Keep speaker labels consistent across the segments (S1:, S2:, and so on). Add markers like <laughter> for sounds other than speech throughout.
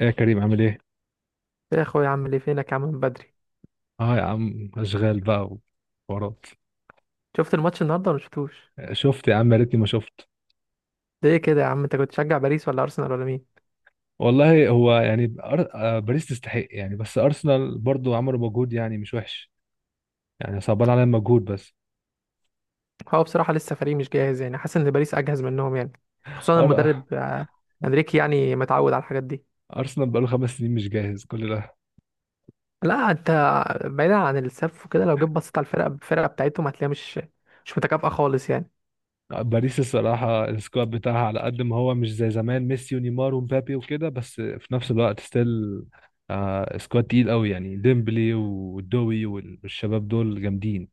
S1: ايه يا كريم، عامل ايه؟
S2: يا اخويا، عامل ايه؟ فينك يا عم من بدري؟
S1: اه يا عم، اشغال بقى وحوارات.
S2: شفت الماتش النهارده ولا شفتوش؟
S1: شفت يا عم، يا ريتني ما شفت.
S2: ليه كده يا عم؟ انت كنت تشجع باريس ولا ارسنال ولا مين؟
S1: والله هو يعني أر... آه، باريس تستحق يعني، بس ارسنال برضو عملوا مجهود يعني مش وحش. يعني صعبان عليا المجهود بس.
S2: هو بصراحه لسه فريق مش جاهز، يعني حاسس ان باريس اجهز منهم يعني، خصوصا
S1: أر... آه،
S2: المدرب انريكي، يعني متعود على الحاجات دي.
S1: ارسنال بقاله خمس سنين مش جاهز كل ده؟
S2: لا انت، بعيدا عن السف وكده، لو جيت بصيت على الفرقه بتاعتهم هتلاقيها مش متكافئه خالص يعني.
S1: باريس الصراحة السكواد بتاعها على قد ما هو مش زي زمان ميسي ونيمار ومبابي وكده، بس في نفس الوقت ستيل سكواد تقيل قوي، يعني ديمبلي ودوي والشباب دول جامدين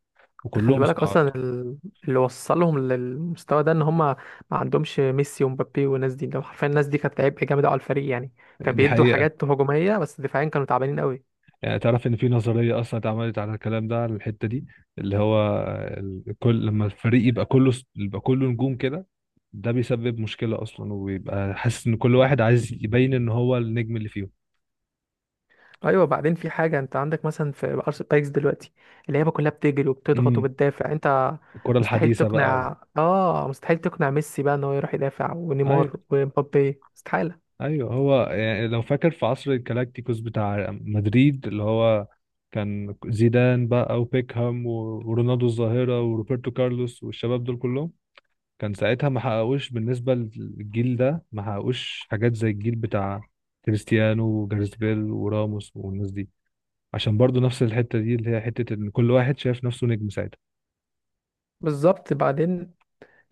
S2: انت خلي
S1: وكلهم
S2: بالك
S1: صعاد.
S2: اصلا، اللي وصلهم للمستوى ده ان هم ما عندهمش ميسي ومبابي والناس دي، لو حرفيا الناس دي كانت عبء جامد أوي على الفريق يعني. كان
S1: دي
S2: بيدوا
S1: حقيقة.
S2: حاجات هجوميه بس دفاعيا كانوا تعبانين قوي.
S1: يعني تعرف ان في نظريه اصلا اتعملت على الكلام ده، على الحته دي اللي هو كل لما الفريق يبقى كله يبقى كله نجوم كده، ده بيسبب مشكله اصلا، وبيبقى حاسس ان كل واحد عايز يبين ان هو النجم اللي فيهم.
S2: ايوه بعدين في حاجه، انت عندك مثلا في ارس بايكس دلوقتي اللعيبه كلها بتجري وبتضغط
S1: امم.
S2: وبتدافع. انت
S1: الكره
S2: مستحيل
S1: الحديثه بقى
S2: تقنع اه مستحيل تقنع ميسي بقى ان هو يروح يدافع،
S1: ايوه.
S2: ونيمار ومبابي استحاله.
S1: ايوه، هو يعني لو فاكر في عصر الجالاكتيكوس بتاع مدريد، اللي هو كان زيدان بقى وبيكهام ورونالدو الظاهره وروبرتو كارلوس والشباب دول كلهم. كان ساعتها ما حققوش بالنسبة للجيل ده، ما حققوش حاجات زي الجيل بتاع كريستيانو وجاريث بيل وراموس والناس دي، عشان برضو نفس الحتة دي، اللي هي حتة ان كل واحد شايف نفسه نجم ساعتها.
S2: بالظبط. بعدين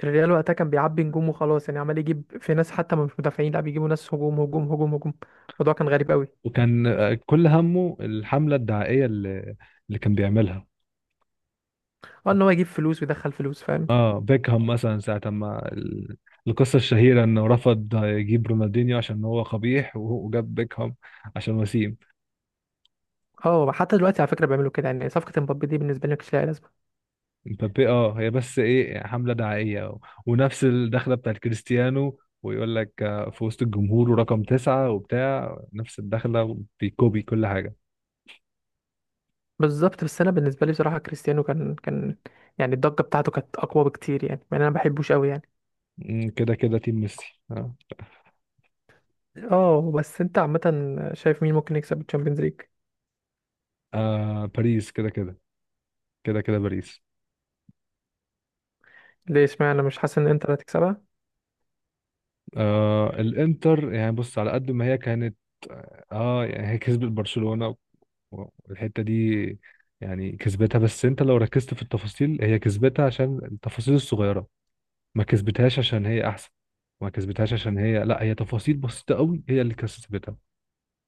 S2: الريال وقتها كان بيعبي نجوم وخلاص، يعني عمال يجيب في ناس حتى مش مدافعين، لا بيجيبوا ناس هجوم هجوم هجوم هجوم. الموضوع كان غريب قوي.
S1: وكان كل همه الحملة الدعائية اللي كان بيعملها.
S2: اه، ان هو يجيب فلوس ويدخل فلوس، فاهم.
S1: اه بيكهام مثلا، ساعة ما القصة الشهيرة انه رفض يجيب رونالدينيو عشان هو قبيح، وجاب بيكهام عشان وسيم.
S2: اه حتى دلوقتي على فكره بيعملوا كده، يعني صفقه مبابي دي بالنسبه لي مش لها.
S1: مبابي اه، هي بس ايه؟ حملة دعائية ونفس الدخلة بتاعت كريستيانو، ويقول لك في وسط الجمهور ورقم تسعة وبتاع، نفس الدخلة، بيكوبي كل حاجة.
S2: بالظبط. بس انا بالنسبه لي بصراحه كريستيانو كان يعني الضجه بتاعته كانت اقوى بكتير، يعني مع ان انا ما بحبوش قوي يعني.
S1: مم، كده كده تيم ميسي آه.
S2: اه بس انت عامه، شايف مين ممكن يكسب الشامبيونز ليج؟
S1: باريس كده كده. كده كده باريس.
S2: ليه؟ اشمعنى مش حاسس ان انتر هتكسبها؟
S1: الانتر يعني بص، على قد ما هي كانت، يعني هي كسبت برشلونة والحتة دي يعني كسبتها، بس انت لو ركزت في التفاصيل، هي كسبتها عشان التفاصيل الصغيرة. ما كسبتهاش عشان هي احسن، ما كسبتهاش عشان هي، لا، هي تفاصيل بسيطه قوي هي اللي كسبتها.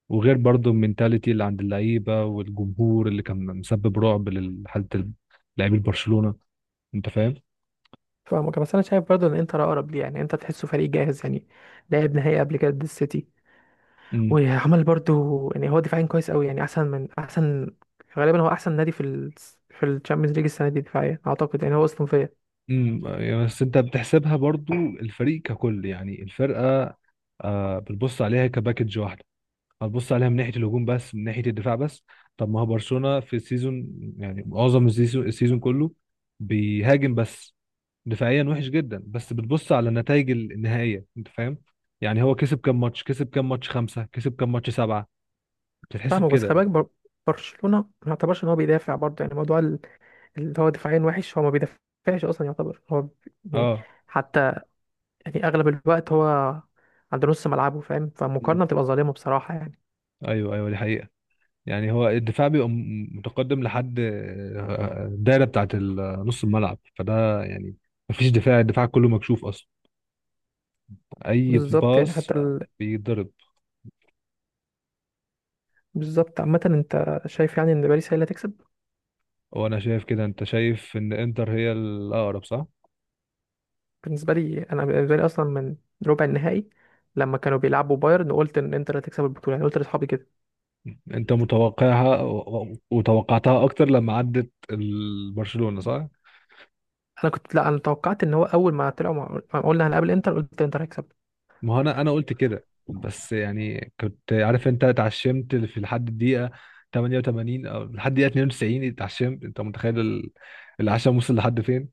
S1: وغير برضو المينتاليتي اللي عند اللعيبه، والجمهور اللي كان مسبب رعب لحاله لاعبي برشلونه. انت فاهم.
S2: فاهمك، بس انا شايف برضه ان انتر اقرب ليه، يعني انت تحسه فريق جاهز يعني. لعب نهائي قبل كده ضد السيتي،
S1: امم.
S2: وعمل برضه يعني، هو دفاعيا كويس قوي يعني، احسن من احسن. غالبا هو احسن نادي في الشامبيونز ليج السنه دي دفاعيا اعتقد، يعني هو اصلا فيا.
S1: امم. بس انت بتحسبها برضو الفريق ككل، يعني الفرقه بتبص عليها كباكج واحده. هتبص عليها من ناحيه الهجوم بس، من ناحيه الدفاع بس؟ طب ما هو برشلونه في السيزون، يعني معظم السيزون، السيزون كله بيهاجم بس. دفاعيا وحش جدا، بس بتبص على النتائج النهائيه. انت فاهم. يعني هو كسب كام ماتش، كسب كام ماتش، خمسه، كسب كام ماتش، سبعه؟ بتتحسب
S2: فاهمك بس
S1: كده
S2: خلي بالك،
S1: يعني.
S2: برشلونه ما يعتبرش ان هو بيدافع برضه، يعني موضوع اللي هو دفاعيا وحش. هو ما بيدافعش اصلا، يعتبر هو يعني
S1: اه.
S2: حتى يعني اغلب الوقت هو عند نص ملعبه، فاهم،
S1: مم.
S2: فالمقارنه بتبقى ظالمه بصراحه يعني.
S1: ايوه ايوه، دي حقيقه. يعني هو الدفاع بيبقى متقدم لحد الدايره بتاعت نص الملعب، فده يعني مفيش دفاع، الدفاع كله مكشوف اصلا. اي
S2: بالظبط يعني
S1: باص بيتضرب.
S2: بالظبط. عامه انت شايف يعني ان باريس هي اللي هتكسب؟
S1: وانا شايف كده. انت شايف ان انتر هي الاقرب، صح؟
S2: بالنسبه لي، انا بالنسبه لي اصلا من ربع النهائي لما كانوا بيلعبوا بايرن قلت ان انتر هتكسب البطوله، يعني قلت لاصحابي كده.
S1: انت متوقعها وتوقعتها اكتر لما عدت برشلونه، صح؟
S2: انا كنت لا انا توقعت ان هو اول ما طلعوا ما قلنا هنقابل انتر، قلت انتر هيكسب.
S1: ما هو انا انا قلت كده، بس يعني كنت عارف انت اتعشمت في لحد الدقيقه 88 او لحد الدقيقه 92، اتعشمت. انت متخيل العشم وصل لحد فين؟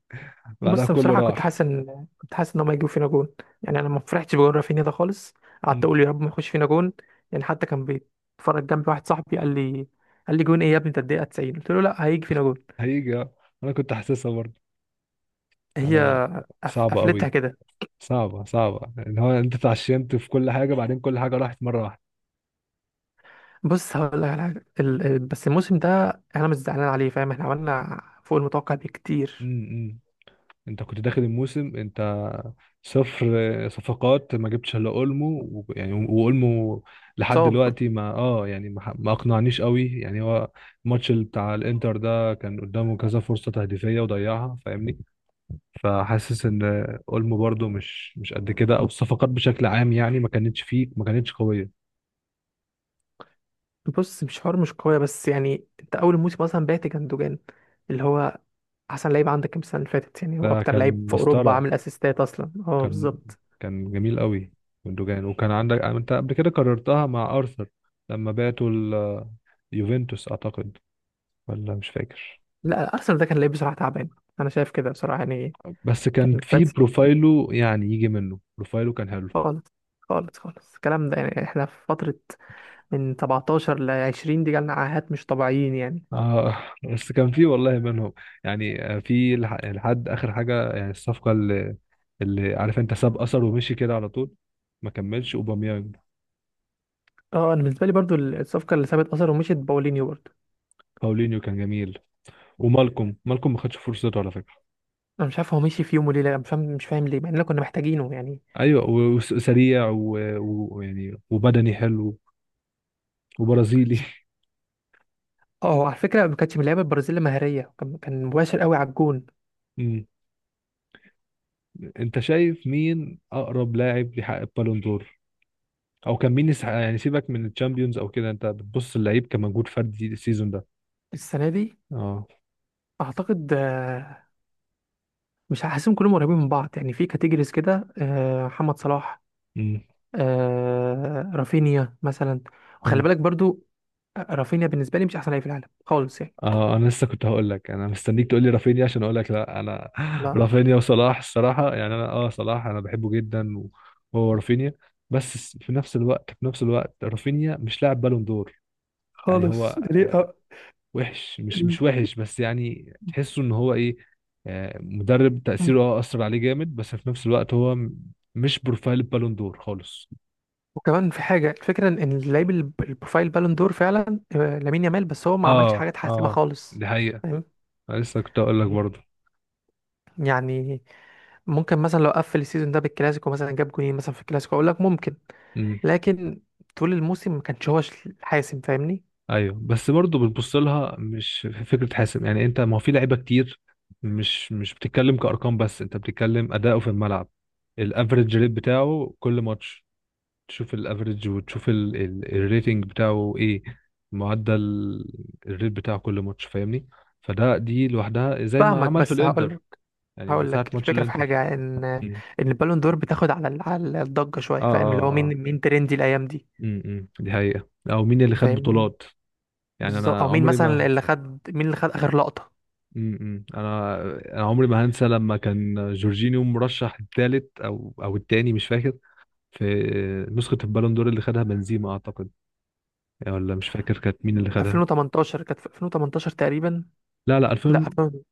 S1: بعدها
S2: بص
S1: كله
S2: بصراحة كنت حاسس
S1: راح.
S2: إن كنت حاسس إن هما هيجيبوا فينا جون، يعني أنا ما فرحتش بجون رافينيا ده خالص. قعدت
S1: مم.
S2: أقول يا رب ما يخش فينا جون. يعني حتى كان بيتفرج جنبي واحد صاحبي قال لي، قال لي: جون إيه يا ابني أنت؟ الدقيقة 90. قلت له لا، هيجي فينا جون.
S1: هيجي آه. انا كنت حاسسها برضه.
S2: هي
S1: انا صعبه
S2: قفلتها
S1: قوي،
S2: كده.
S1: صعبه، صعبه ان هو انت اتعشمت في كل حاجه، بعدين كل حاجه راحت مره واحده.
S2: بص هقول لك على حاجة، بس الموسم ده أنا مش زعلان عليه، فاهم، إحنا عملنا فوق المتوقع بكتير.
S1: امم. انت كنت داخل الموسم انت صفر صفقات، ما جبتش الا اولمو يعني، واولمو لحد
S2: صعب.
S1: دلوقتي ما اه، يعني ما اقنعنيش قوي يعني هو. الماتش اللي بتاع الانتر ده كان قدامه كذا فرصة تهديفية وضيعها، فاهمني؟ فحاسس ان اولمو برده مش مش قد كده، او الصفقات بشكل عام يعني ما كانتش فيه، ما كانتش قوية.
S2: بص، مش حوار مش قوية، بس يعني أنت أول موسم أصلا بعت جندوجان اللي هو احسن لعيب عندك كام السنه اللي فاتت، يعني هو
S1: ده
S2: اكتر لعيب
S1: كان
S2: في اوروبا
S1: مسطرة.
S2: عامل اسيستات اصلا، اه
S1: كان
S2: بالظبط.
S1: كان جميل قوي من دوجان. وكان عندك انت قبل كده كررتها مع ارثر، لما بعتوا يوفنتوس اعتقد، ولا مش فاكر.
S2: لا ارسنال ده كان لعيب بصراحه تعبان، انا شايف كده بصراحه يعني،
S1: بس كان
S2: كان
S1: في
S2: كويس
S1: بروفايله، يعني يجي منه، بروفايله كان حلو.
S2: خالص خالص خالص. الكلام ده، يعني احنا في فتره من 17 ل 20 دي جالنا عاهات مش طبيعيين يعني.
S1: آه. بس كان في والله منهم يعني، في لحد اخر حاجه. يعني الصفقه اللي عارف انت، ساب اثر ومشي كده على طول. ما كملش اوباميانج.
S2: اه انا بالنسبه لي برضو الصفقه اللي سابت اثر ومشيت باولينيو برضو.
S1: باولينيو كان جميل. ومالكوم، مالكوم ما خدش فرصته على فكره.
S2: انا مش عارف هو مشي في يوم وليله، أنا مش فاهم ليه، مع اننا كنا محتاجينه يعني.
S1: ايوه وسريع ويعني وبدني حلو، وبرازيلي.
S2: اه على فكره ما كانتش من اللعيبه البرازيل مهاريه، كان مباشر قوي على الجون.
S1: <laughs> أمم. انت شايف مين اقرب لاعب يحقق بالون دور، او كان مين يعني سيبك من الشامبيونز او كده، انت بتبص اللعيب كمجهود فردي السيزون ده؟
S2: السنه دي
S1: اه.
S2: اعتقد مش هحسهم كلهم قريبين من بعض، يعني في كاتيجوريز كده، محمد صلاح،
S1: امم.
S2: رافينيا مثلا. وخلي
S1: امم.
S2: بالك برضو، رافينيا بالنسبه لي مش احسن لعيب في العالم خالص يعني.
S1: اه انا لسه كنت هقول لك، انا مستنيك تقول لي رافينيا عشان اقول لك لا. انا <laughs>
S2: لا
S1: رافينيا وصلاح الصراحه، يعني انا اه، صلاح انا بحبه جدا، وهو رافينيا، بس في نفس الوقت، في نفس الوقت رافينيا مش لاعب بالون دور. يعني هو
S2: خالص، ليه؟
S1: وحش، مش
S2: ال-
S1: مش وحش، بس يعني تحسه ان هو ايه، مدرب تأثيره
S2: مم.
S1: اه اثر عليه جامد، بس في نفس الوقت هو مش بروفايل بالون دور خالص.
S2: وكمان في حاجه، الفكره إن اللعيب البروفايل بالون دور فعلا لامين يامال، بس هو ما عملش
S1: اه
S2: حاجه تحسمها
S1: اه،
S2: خالص،
S1: دي حقيقة.
S2: فاهم.
S1: أنا لسه كنت اقول لك
S2: Yeah.
S1: برضه.
S2: يعني ممكن مثلا لو قفل السيزون ده بالكلاسيكو، مثلا جاب جونين مثلا في الكلاسيكو، اقول لك ممكن.
S1: امم.
S2: لكن طول الموسم ما كانش هو حاسم، فاهمني.
S1: ايوه، بس برضه بتبص لها مش في فكرة حاسم. يعني انت، ما هو في لعيبة كتير، مش مش بتتكلم كأرقام، بس انت بتتكلم أداؤه في الملعب. الافريج ريت بتاعه كل ماتش، تشوف الافريج وتشوف الريتنج بتاعه ايه، معدل الريت بتاعه كل ماتش، فاهمني؟ فده، دي لوحدها زي ما
S2: فاهمك
S1: عمل في
S2: بس هقول
S1: الانتر،
S2: لك
S1: يعني من
S2: هقول
S1: ساعة
S2: لك
S1: ماتش
S2: الفكره في
S1: الانتر.
S2: حاجه، ان
S1: مم.
S2: ان البالون دور بتاخد على على الضجه شويه،
S1: اه
S2: فاهم، اللي هو
S1: اه
S2: مين
S1: اه.
S2: مين ترندي الايام دي.
S1: امم. دي حقيقة. او مين اللي خد
S2: فاهمني.
S1: بطولات؟ يعني
S2: بالظبط،
S1: انا
S2: او
S1: عمري ما
S2: مين اللي خد اخر لقطه؟
S1: م-م. انا انا عمري ما هنسى لما كان جورجينيو مرشح الثالث او او الثاني، مش فاكر، في نسخة البالون دور اللي خدها بنزيما اعتقد، يعني ولا مش فاكر كانت مين اللي خدها.
S2: 2018، كانت في 2018 تقريبا.
S1: لا لا،
S2: لا
S1: 2000.
S2: 2000.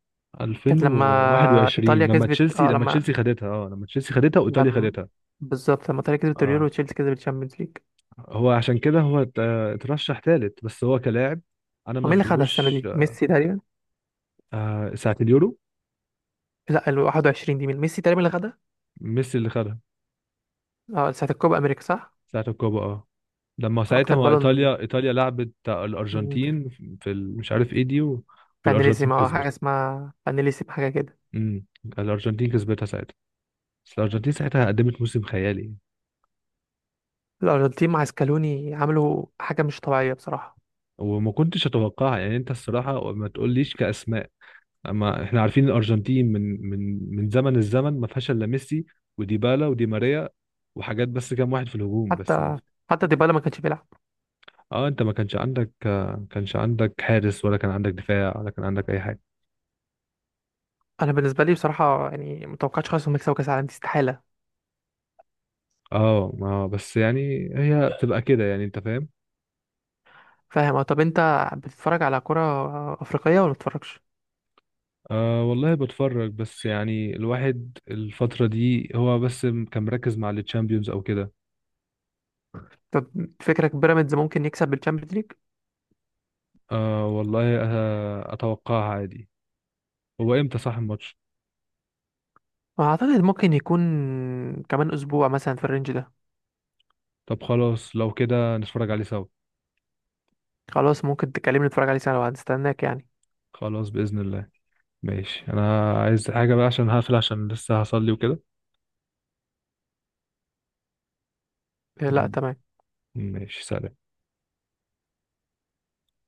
S2: كانت لما
S1: 2021
S2: ايطاليا
S1: لما
S2: كسبت،
S1: تشيلسي، لما تشيلسي خدتها. اه، لما تشيلسي خدتها وايطاليا
S2: لما
S1: خدتها.
S2: لما ايطاليا كسبت اليورو
S1: اه،
S2: وتشيلسي كسبت الشامبيونز ليج.
S1: هو عشان كده هو اترشح ثالث، بس هو كلاعب انا ما
S2: ومين اللي خدها السنه
S1: ادهوش.
S2: دي؟ ميسي تقريبا.
S1: ساعة اليورو
S2: لا، ال 21 دي، مين؟ ميسي تقريبا اللي خدها.
S1: ميسي اللي خدها،
S2: اه ساعه الكوبا امريكا، صح؟
S1: ساعة الكوبا اه. لما
S2: اكتر
S1: ساعتها ما،
S2: بالون
S1: ايطاليا، ايطاليا لعبت الارجنتين في مش عارف ايه دي والارجنتين
S2: فانيليزم، حاجه
S1: كسبت.
S2: اسمها فانيليزم، حاجه كده.
S1: امم. الارجنتين كسبتها ساعتها، بس الارجنتين ساعتها قدمت موسم خيالي.
S2: الارجنتين مع سكالوني عملوا حاجه مش طبيعيه بصراحه.
S1: وما كنتش اتوقع يعني، انت الصراحه ما تقوليش كاسماء، اما احنا عارفين الارجنتين، من زمن، الزمن ما فيهاش الا ميسي وديبالا ودي ماريا وحاجات، بس كام واحد في الهجوم، بس ما
S2: حتى
S1: في.
S2: حتى ديبالا ما كانش بيلعب.
S1: اه، انت ما كانش عندك، كانش عندك حارس، ولا كان عندك دفاع، ولا كان عندك اي حاجه.
S2: انا بالنسبه لي بصراحه يعني ما توقعتش خالص انهم يكسبوا كاس العالم دي، استحاله.
S1: اه، ما بس يعني هي بتبقى كده، يعني انت فاهم.
S2: فاهم. اه طب انت بتتفرج على كره افريقيه ولا ما بتتفرجش؟
S1: أه والله بتفرج، بس يعني الواحد الفترة دي هو بس كان مركز مع التشامبيونز أو كده.
S2: طب فكرك بيراميدز ممكن يكسب بالتشامبيونز ليج؟
S1: أه والله أه، أتوقعها عادي. هو إمتى صح الماتش؟
S2: اعتقد ممكن يكون كمان اسبوع مثلا في الرينج ده.
S1: طب خلاص، لو كده نتفرج عليه سوا.
S2: خلاص ممكن تكلمني نتفرج عليه سنه وهنستناك يعني.
S1: خلاص بإذن الله. ماشي. أنا عايز حاجة بقى، عشان هقفل، عشان لسه هصلي وكده.
S2: لا
S1: م-
S2: تمام.
S1: ماشي، سلام.